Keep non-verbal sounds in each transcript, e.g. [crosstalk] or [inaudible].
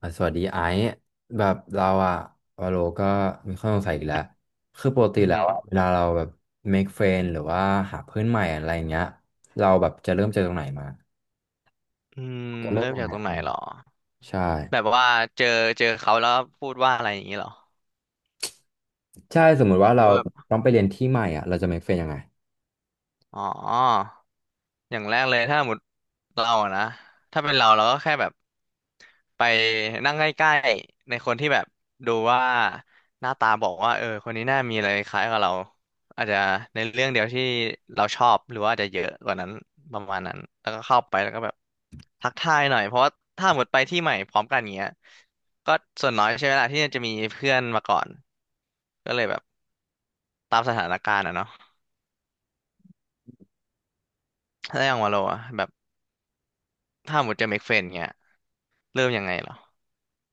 อ่ะสวัสดีไอซ์แบบเราอะวาโลก็มีข้อสงสัยอีกแล้วคือปกติอือแล้หืวออะเวลาเราแบบ make friend หรือว่าหาเพื่อนใหม่อะไรอย่างเงี้ยเราแบบจะเริ่มจากตรงไหนมาอืม จะเริ่เริ่มมยังจากไงตรงไหนอืมเหรอ ใช่แบบว่าเจอเจอเขาแล้วพูดว่าอะไรอย่างนี้เหรอ ใช่สมมุติว่าหรืเราอว่าแบบต้องไปเรียนที่ใหม่อะเราจะ make friend ยังไง อ๋อ อย่างแรกเลยถ้าหมดเราอะนะถ้าเป็นเราเราก็แค่แบบไปนั่งใกล้ๆในคนที่แบบดูว่าหน้าตาบอกว่าเออคนนี้น่ามีอะไรคล้ายกับเราอาจจะในเรื่องเดียวที่เราชอบหรือว่าอาจจะเยอะกว่านั้นประมาณนั้นแล้วก็เข้าไปแล้วก็แบบทักทายหน่อยเพราะว่าถ้าหมดไปที่ใหม่พร้อมกันเงี้ยก็ส่วนน้อยใช่ไหมล่ะที่จะมีเพื่อนมาก่อนก็เลยแบบตามสถานการณ์อะเนาะถ้าอย่างวาโลอะแบบถ้าหมดจะเมคเฟรนเงี้ยเริ่มยังไงเหรอ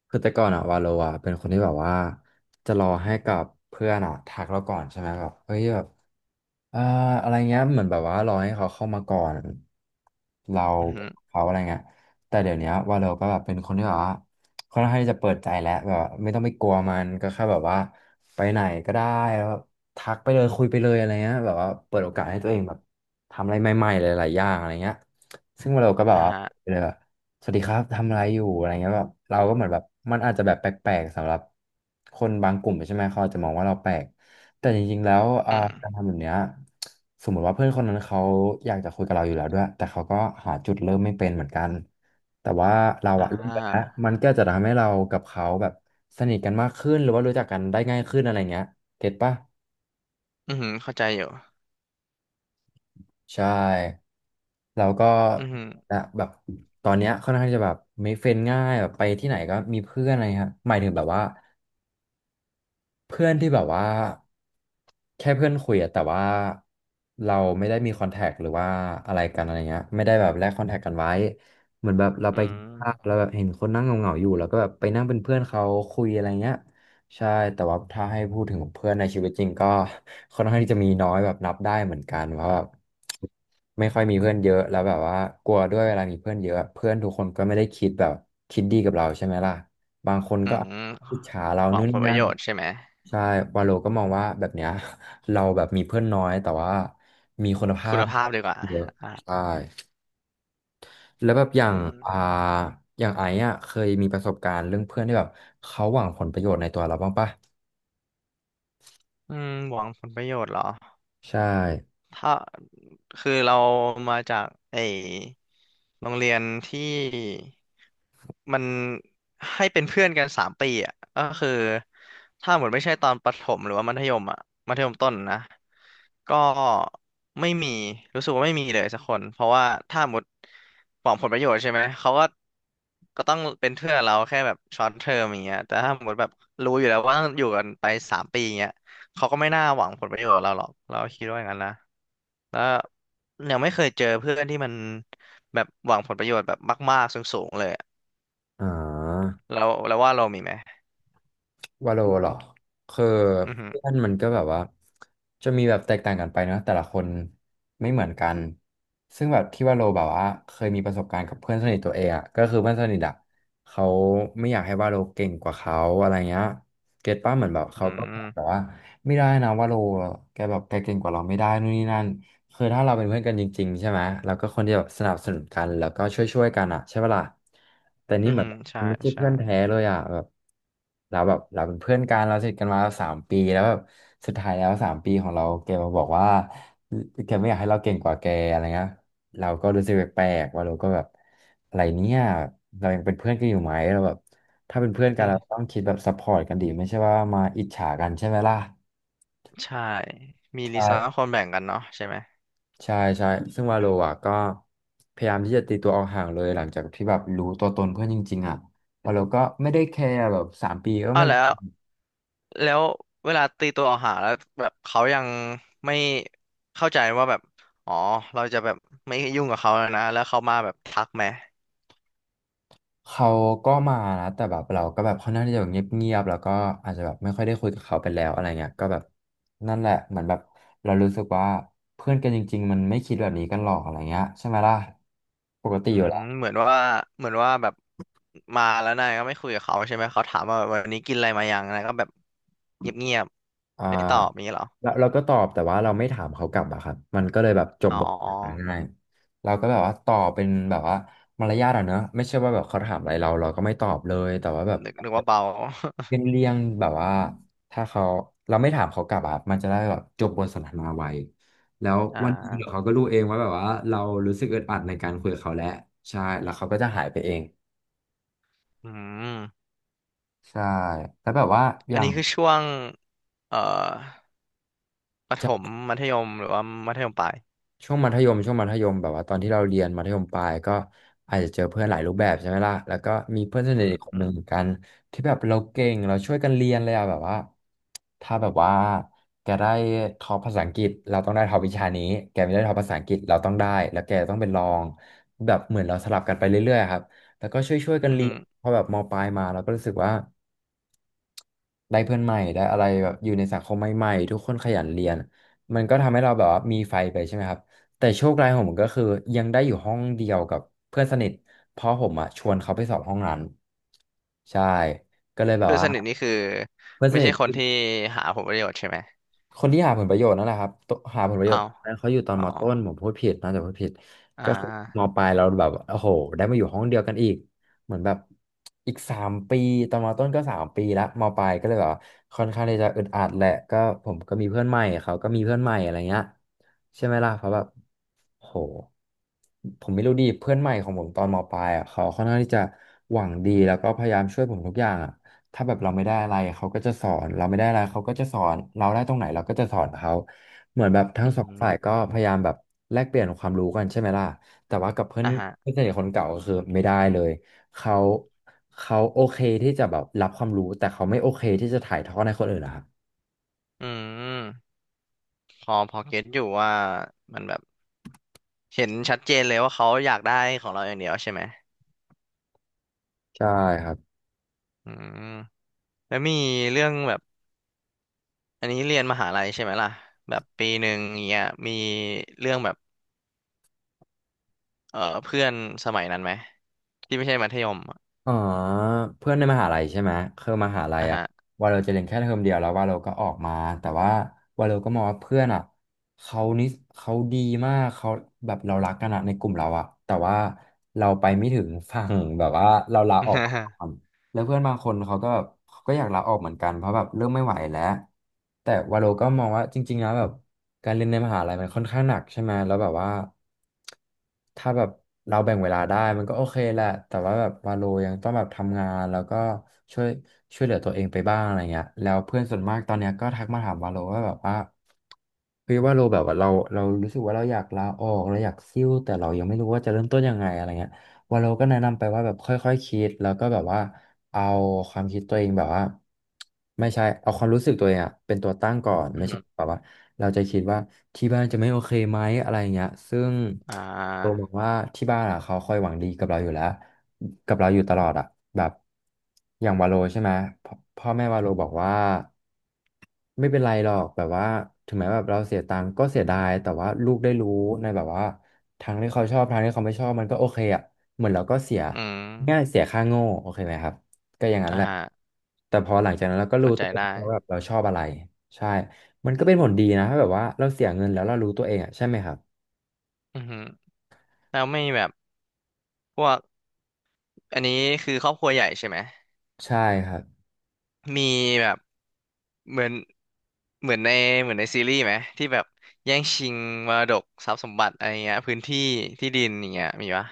คือแต่ก่อนอะวาโลอะเป็นคนที่แบบว่าจะรอให้กับเพื่อนอะทักเราก่อนใช่ไหมแบบเฮ้ยแบบอ่าอะไรเงี้ยเหมือนแบบว่ารอให้เขาเข้ามาก่อนเราอือหือเขาอะไรเงี้ยแต่เดี๋ยวเนี้ยวาโลก็แบบเป็นคนที่แบบว่าค่อนข้างที่จะเปิดใจแล้วแบบว่าไม่ต้องไปกลัวมันก็แค่แบบว่าไปไหนก็ได้แล้วแบบทักไปเลยคุยไปเลยอะไรเงี้ยแบบว่าเปิดโอกาสให้ตัวเองแบบทำอะไรใหม่ๆหลายๆอย่างอะไรเงี้ยซึ่งวาโลก็แบบอ่าว่าฮะไปเลย สวัสดีครับทำอะไรอยู่อะไรเงี้ยแบบเราก็เหมือนแบบมันอาจจะแบบแปลกๆสำหรับคนบางกลุ่มใช่ไหมเขาอาจจะมองว่าเราแปลกแต่จริงๆแล้วอืการมทำแบบเนี้ยสมมติว่าเพื่อนคนนั้นเขาอยากจะคุยกับเราอยู่แล้วด้วยแต่เขาก็หาจุดเริ่มไม่เป็นเหมือนกันแต่ว่าเราอ่อะเริ่มไปแล้วามันก็จะทำให้เรากับเขาแบบสนิทกันมากขึ้นหรือว่ารู้จักกันได้ง่ายขึ้นอะไรเงี้ยเก็ตปะ อือหือเข้าใจอยู่ใช่เราก็อือหือนะแบบตอนเนี้ยค่อนข้างที่จะแบบ make friend ง่ายแบบไปที่ไหนก็มีเพื่อนอะไรครับหมายถึงแบบว่า เพื่อนที่แบบว่าแค่เพื่อนคุยอะแต่ว่าเราไม่ได้มีคอนแทคหรือว่าอะไรกันอะไรเงี้ยไม่ได้แบบแลกคอนแทคกันไว้เหมือนแบบเราไปอืมกินข้าวแล้วแบบเห็นคนนั่งเหงาๆอยู่แล้วก็แบบไปนั่งเป็นเพื่อนเขาคุยอะไรเงี้ยใช่แต่ว่าถ้าให้พูดถึงเพื่อนในชีวิตจริงก็ค่อนข้างที่จะมีน้อยแบบนับได้เหมือนกันเพราะแบบไม่ค่อยมีเพื่อนเยอะแล้วแบบว่ากลัวด้วยเวลามีเพื่อนเยอะเพื่อนทุกคนก็ไม่ได้คิดแบบคิดดีกับเราใช่ไหมล่ะ บางคนอืก็มอิจฉาเราหวันู่งนผนี่ลประนั่โยนชน์ใช่ไหม ใช่วาโลก็มองว่าแบบเนี้ย [laughs] เราแบบมีเพื่อนน้อยแต่ว่ามีคุณภาคุพณภาพดีกว่าเยอะอ่าใช่ แล้วแบบอือย่างอ่ามอย่างไอ้อะเคยมีประสบการณ์เรื่องเพื่อนที่แบบเขาหวังผลประโยชน์ในตัวเราบ้างปะอืมหวังผลประโยชน์เหรอ ใช่ถ้าคือเรามาจากไอโรงเรียนที่มันให้เป็นเพื่อนกันสามปีอ่ะก็คือถ้าหมดไม่ใช่ตอนประถมหรือว่ามัธยมอ่ะมัธยมต้นนะก็ไม่มีรู้สึกว่าไม่มีเลยสักคนเพราะว่าถ้าหมดหวังผลประโยชน์ใช่ไหมเขาก็ก็ต้องเป็นเพื่อนเราแค่แบบช็อตเทอมอย่างเงี้ยแต่ถ้าหมดแบบรู้อยู่แล้วว่าต้องอยู่กันไปสามปีอย่างเงี้ยเขาก็ไม่น่าหวังผลประโยชน์เราหรอกเราคิดว่าอย่างนั้นนะ แล้วยังไม่เคยเจอเพื่อนที่มันแบบหวังผลประโยชน์แบบมากๆสูงๆเลยอะอ่า แล้วแล้วว่าเรามีไหมวาโลเหรอคืออือหือเพื่อนมันก็แบบว่าจะมีแบบแตกต่างกันไปเนอะแต่ละคนไม่เหมือนกันซึ่งแบบที่วาโลแบบว่าเคยมีประสบการณ์กับเพื่อนสนิทตัวเองอะก็คือเพื่อนสนิทอะเขาไม่อยากให้วาโลเก่งกว่าเขาอะไรเงี้ยเก็ตป้าเหมือนแบบเขาอืก็บอกมแบบว่าไม่ได้นะวาโลแกแบบแกเก่งกว่าเราไม่ได้นู่นนี่นั่น คือถ้าเราเป็นเพื่อนกันจริงๆใช่ไหมเราก็คนที่แบบสนับสนุนกันแล้วก็ช่วยๆกันอ่ะใช่ปะล่ะแต่อืนี่อเหมือหืนอมใช่ไม่ใช่ใช่ เพื่อนแท้เลยอ่ะแบบเราเป็นเพื่อนกันเราสนิทกันมาสามปีแล้วแบบสุดท้ายแล้วสามปีของเราแกมาบอกว่าแกไม่อยากให้เราเก่งกว่าแกอะไรเงี้ยเราก็รู้สึกแปลกๆว่าเราก็แบบอะไรเนี่ยเรายังเป็นเพื่อนกันอยู่ไหมเราแบบถ้าเป็นเพื่อ [laughs] นอือกันเราหือต้องคิดแบบซัพพอร์ตกันดีไม่ใช่ว่ามาอิจฉากันใช่ไหมล่ะใช่มีลีซ่าใช่ คนแบ่งกันเนาะใช่ไหมใช่ใช่ซึ่งวาโลอ่ะก็พยายามที่จะตีตัวออกห่างเลยหลังจากที่แบบรู้ตัวตนเพื่อนจริงๆอ่ะวาโลก็ไม่ได้แคร์แบบสามปีก็อ้าไม่วแล้วแล้วเวลาตีตัวออกห่างแล้วแบบเขายังไม่เข้าใจว่าแบบอ๋อเราจะแบบไม่ยุ่งกับเขาแล้วนะแล้วเขามาแบบทักไหม เขาก็มานะแต่แบบเราก็แบบค่อนข้างที่จะแบบเงียบๆแล้วก็อาจจะแบบไม่ค่อยได้คุยกับเขาไปแล้วอะไรเงี้ยก็แบบนั่นแหละเหมือนแบบเรารู้สึกว่าเพื่อนกันจริงๆมันไม่คิดแบบนี้กันหรอกอะไรเงี้ยใช่ไหมล่ะปกติอือยู่มแล้ว เหมือนว่าเหมือนว่าแบบมาแล้วนายก็ไม่คุยกับเขาใช่ไหมเขาถามว่าวันนี้กินอะไรมายังนายก็แบบเงียบอ่าๆไม่ตอบอย่างนี้เหรอแล้วเราก็ตอบแต่ว่าเราไม่ถามเขากลับอะครับมันก็เลยแบบจบอ๋บทสนทนาอง่ายเราก็แบบว่าตอบเป็นแบบว่ามารยาทอะเนอะไม่ใช่ว่าแบบเขาถามอะไรเราเราก็ไม่ตอบเลยแต่ว่าแบบนึกนึกว่าเบา เป็นเรี่ยงแบบว่าถ้าเขาเราไม่ถามเขากลับอะมันจะได้แบบจบบทสนทนาไวแล้ว [laughs] อ่าวันหนี้เดี๋ยวเขาก็รู้เองว่าแบบว่าเรารู้สึกอึดอัดในการคุยกับเขาแล้วใช่แล้วเขาก็จะหายไปเองอืมใช่แล้วแบบว่าออันย่างนี้คือช่วงเอ่อประถมใช่ มัธยมหรือว่ามัธยมปลายช่วงมัธยมช่วงมัธยมแบบว่าตอนที่เราเรียนมัธยมปลายก็อาจจะเจอเพื่อนหลายรูปแบบใช่ไหมล่ะแล้วก็มีเพื่อนสอืนิทมอีกคนอืหนึ่มงเหมือนกันที่แบบเราเก่งเราช่วยกันเรียนเลยอะแบบว่าถ้าแบบว่าแกได้ท็อปภาษาอังกฤษเราต้องได้ท็อปวิชานี้แกไม่ได้ท็อปภาษาอังกฤษเราต้องได้แล้วแกต้องเป็นรองแบบเหมือนเราสลับกันไปเรื่อยๆอะครับแล้วก็ช่วยๆกันอืเรียนมพอแบบมปลายมาเราก็รู้สึกว่า ได้เพื่อนใหม่ได้อะไรแบบอยู่ในสังคมใหม่ๆทุกคนขยันเรียนมันก็ทำให้เราแบบว่ามีไฟไปใช่ไหมครับแต่โชคร้ายของผมก็คือยังได้อยู่ห้องเดียวกับเพื่อนสนิทเพราะผมอ่ะชวนเขาไปสอบห้องนั้นใช่ก็เลยแบบเพื่อนว่าสนิทนี่คือเพื่อนสไม่นิใช่ท คนที่หาผลประโยชน์ใช่ไหมคนที่หาผลประโยชน์นั่นแหละครับตัวหาผลประโยชอ้าน์วนั้นเขาอยู่ตอนอ๋อมต้นผมพูดผิดน่าจะพูดผิดอ่ก็คือมาปลายเราแบบโอ้โหได้มาอยู่ห้องเดียวกันอีกเหมือนแบบอีกสามปีตอนมต้นก็สามปีละมปลายก็เลยแบบว่าค่อนข้างที่จะอึดอัดแหละก็ผมก็มีเพื่อนใหม่เขาก็มีเพื่อนใหม่อะไรเงี้ยใช่ไหมล่ะเพราะแบบโหผมไม่รู้ดีเพื่อนใหม่ของผมตอนมปลายอ่ะเขาค่อนข้างที่จะหวังดีแล้วก็พยายามช่วยผมทุกอย่างอ่ะ ถ้าแบบเราไม่ได้อะไรเขาก็จะสอนเราไม่ได้อะไรเขาก็จะสอนเราได้ตรงไหนเราก็จะสอนเขาเหมือนแบบทั้อืงสองฝ่ายก็มพยายามแบบแลกเปลี่ยนความรู้กันใช่ไหมล่ะแต่ว่ากับเพื่อนอ่าฮะเพื่อนสนิทคนเก่าก็คือไม่ได้เลยเขาเขาโอเคที่จะแบบรับความรู้แต่เขาไม่โอเคที่จะถ่ายทอดให้คนอื่นนะครับอืมพอพอเก็ตอยู่ว่ามันแบบ เห็นชัดเจนเลยว่าเขาอยากได้ของเราอย่างเดียวใช่ไหมใช่ครับ อืมแล้วมีเรื่องแบบอันนี้เรียนมหาลัยใช่ไหมล่ะแบบปีหนึ่งอย่างเงี้ยมีเรื่องแบบเออเพื่อนสมัยนั้นไหมที่ไม่ใช่มัธยมอะอ๋อเพื่อนในมหาลัยใช่ไหมคือมหาลัยอ่ะอะฮะ ว่าเราจะเรียนแค่เทอมเดียวแล้วว่าเราก็ออกมาแต่ว่าว่าเราก็มองว่าเพื่อนอะเขานิสเขาดีมากเขาแบบเรารักกันอะในกลุ่มเราอะแต่ว่าเราไปไม่ถึงฝั่งแบบว่าเราลาออกก [laughs] ่อนแล้วเพื่อนบางคนเขาก็แบบเขาก็อยากลาออกเหมือนกันเพราะแบบเริ่มไม่ไหวแล้วแต่ว่าเราก็มองว่าจริงๆนะแบบ การเรียนในมหาลัยมันค่อนข้างหนักใช่ไหมแล้วแบบว่าถ้าแบบเราแบ่งเวลาได้มันก็โอเคแหละแต่ว่าแบบวาโลยังต้องแบบทำงานแล้วก็ช่วยช่วยเหลือตัวเองไปบ้างอะไรเงี้ยแล้วเพื่อนส่วนมากตอนเนี้ยก็ทักมาถามวาโลว่าแบบว่าเฮ้ยวาโลแบบว่าเรารู้สึกว่าเราอยากลาออกเราอยากซิ่วแต่เรายังไม่รู้ว่าจะเริ่มต้นยังไงอะไรเงี้ย วาโลก็แนะนำไปว่าแบบค่อยๆคิดแล้วก็แบบว่าเอาความคิดตัวเองแบบว่าไม่ใช่เอาความรู้สึกตัวเองอะเป็นตัวตั้งก่อนอืไม่ใช่มแบบว่าเราจะคิดว่าที่บ้านจะไม่โอเคไหมอะไรอย่างเงี้ยซึ่งอ่เรามาองว่าที่บ้านอะเขาคอยหวังดีกับเราอยู่แล้วกับเราอยู่ตลอดอะแบบอย่างวาโลใช่ไหมพพ่อแม่วาโลบอกว่าไม่เป็นไรหรอกแบบว่าถึงแม้แบบเราเสียตังค์ก็เสียดายแต่ว่าลูกได้รู้ในแบบว่าทางที่เขาชอบทางที่เขาไม่ชอบมันก็โอเคอะ เหมือนเราก็เสียอืมง่ายเสียค่าโง่โอเคไหมครับก็อย่างนั้นอ่าแหละฮะแต่พอหลังจากนั้นเราก็รู้เข้าใจตัวเองได้ว่าแบบเราชอบอะไรใช่มันก็เป็นผลดีนะถ้าแบบว่าเราเสียเงินแล้วเรารู้ตัวเองอ่ะใช่ไหมครับอือฮึแล้วไม่แบบพวกอันนี้คือครอบครัวใหญ่ใช่ไหม ใช่ครับมีแบบเหมือนเหมือนในเหมือนในซีรีส์ไหมที่แบบแย่งชิงมรดกทรัพย์สมบัติอะไรเงี้ยพื้นที่ที่ดินอย่างเงี้ยมีปะ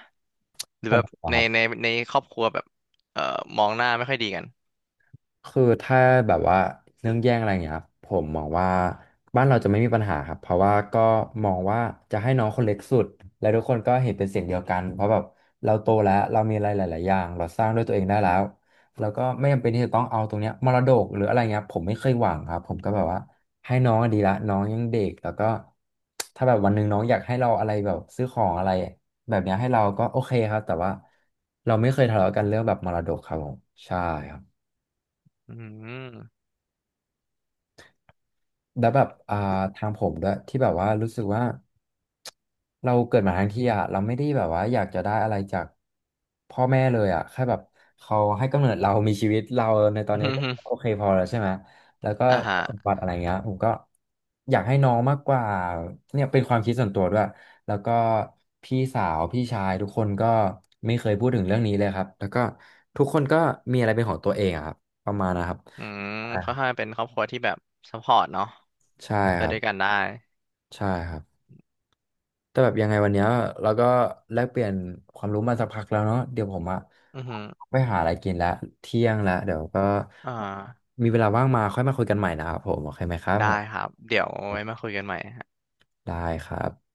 หรืขอองแบบผมอะในครับ ในในครอบครัวแบบเอ่อมองหน้าไม่ค่อยดีกันคือถ้าแบบว่าเรื่องแย่งอะไรเงี้ยครับผมมองว่าบ้านเราจะไม่มีปัญหาครับเพราะว่าก็มองว่าจะให้น้องคนเล็กสุดและทุกคนก็เห็นเป็นเสียงเดียวกันเพราะแบบเราโตแล้วเรามีอะไรหลายๆอย่างเราสร้างด้วยตัวเองได้แล้วแล้วก็ไม่จำเป็นที่จะต้องเอาตรงเนี้ยมรดกหรืออะไรเงี้ยผมไม่เคยหวังครับผมก็แบบว่าให้น้องดีละน้องยังเด็กแล้วก็ถ้าแบบวันหนึ่งน้องอยากให้เราอะไรแบบซื้อของอะไรแบบเนี้ยให้เราก็โอเคครับแต่ว่าเราไม่เคยทะเลาะกันเรื่องแบบมรดกครับผมใช่ครับ อืม แล้วแบบทางผมด้วยที่แบบว่ารู้สึกว่าเราเกิดมาทั้งที่อ่ะเราไม่ได้แบบว่าอยากจะได้อะไรจากพ่อแม่เลยอ่ะแค่แบบเขาให้กำเนิดเรามีชีวิตเราในตอนนี้ก็โอ [laughs] เคพอแล้วใช่ไหมแล้วก็อ่าฮะสมบัติอะไรเงี้ยผมก็อยากให้น้องมากกว่าเนี่ยเป็นความคิดส่วนตัวด้วยแล้วก็พี่สาวพี่ชายทุกคนก็ไม่เคยพูดถึงเรื่องนี้เลยครับแล้วก็ทุกคนก็มีอะไรเป็นของตัวเองอะครับประมาณนะครับอืมอ่าค่อนข้างเป็นครอบครัวที่แบบซัพพอร์ตเนาะใช่ไปครัด้บวยกันได้ใช่ครับ แต่แบบยังไงวันเนี้ยเราก็แลกเปลี่ยนความรู้มาสักพักแล้วเนาะเดี๋ยวผมอะอือฮึไปหาอะไรกินละเที่ยงละเดี๋ยวก็อ่ามีเวลาว่างมาค่อยมาคุยกันใหม่นะครับผมโอเคไหมครับผได้คมรับเดี๋ยวไว้มาคุยกันใหม่ได้ครับ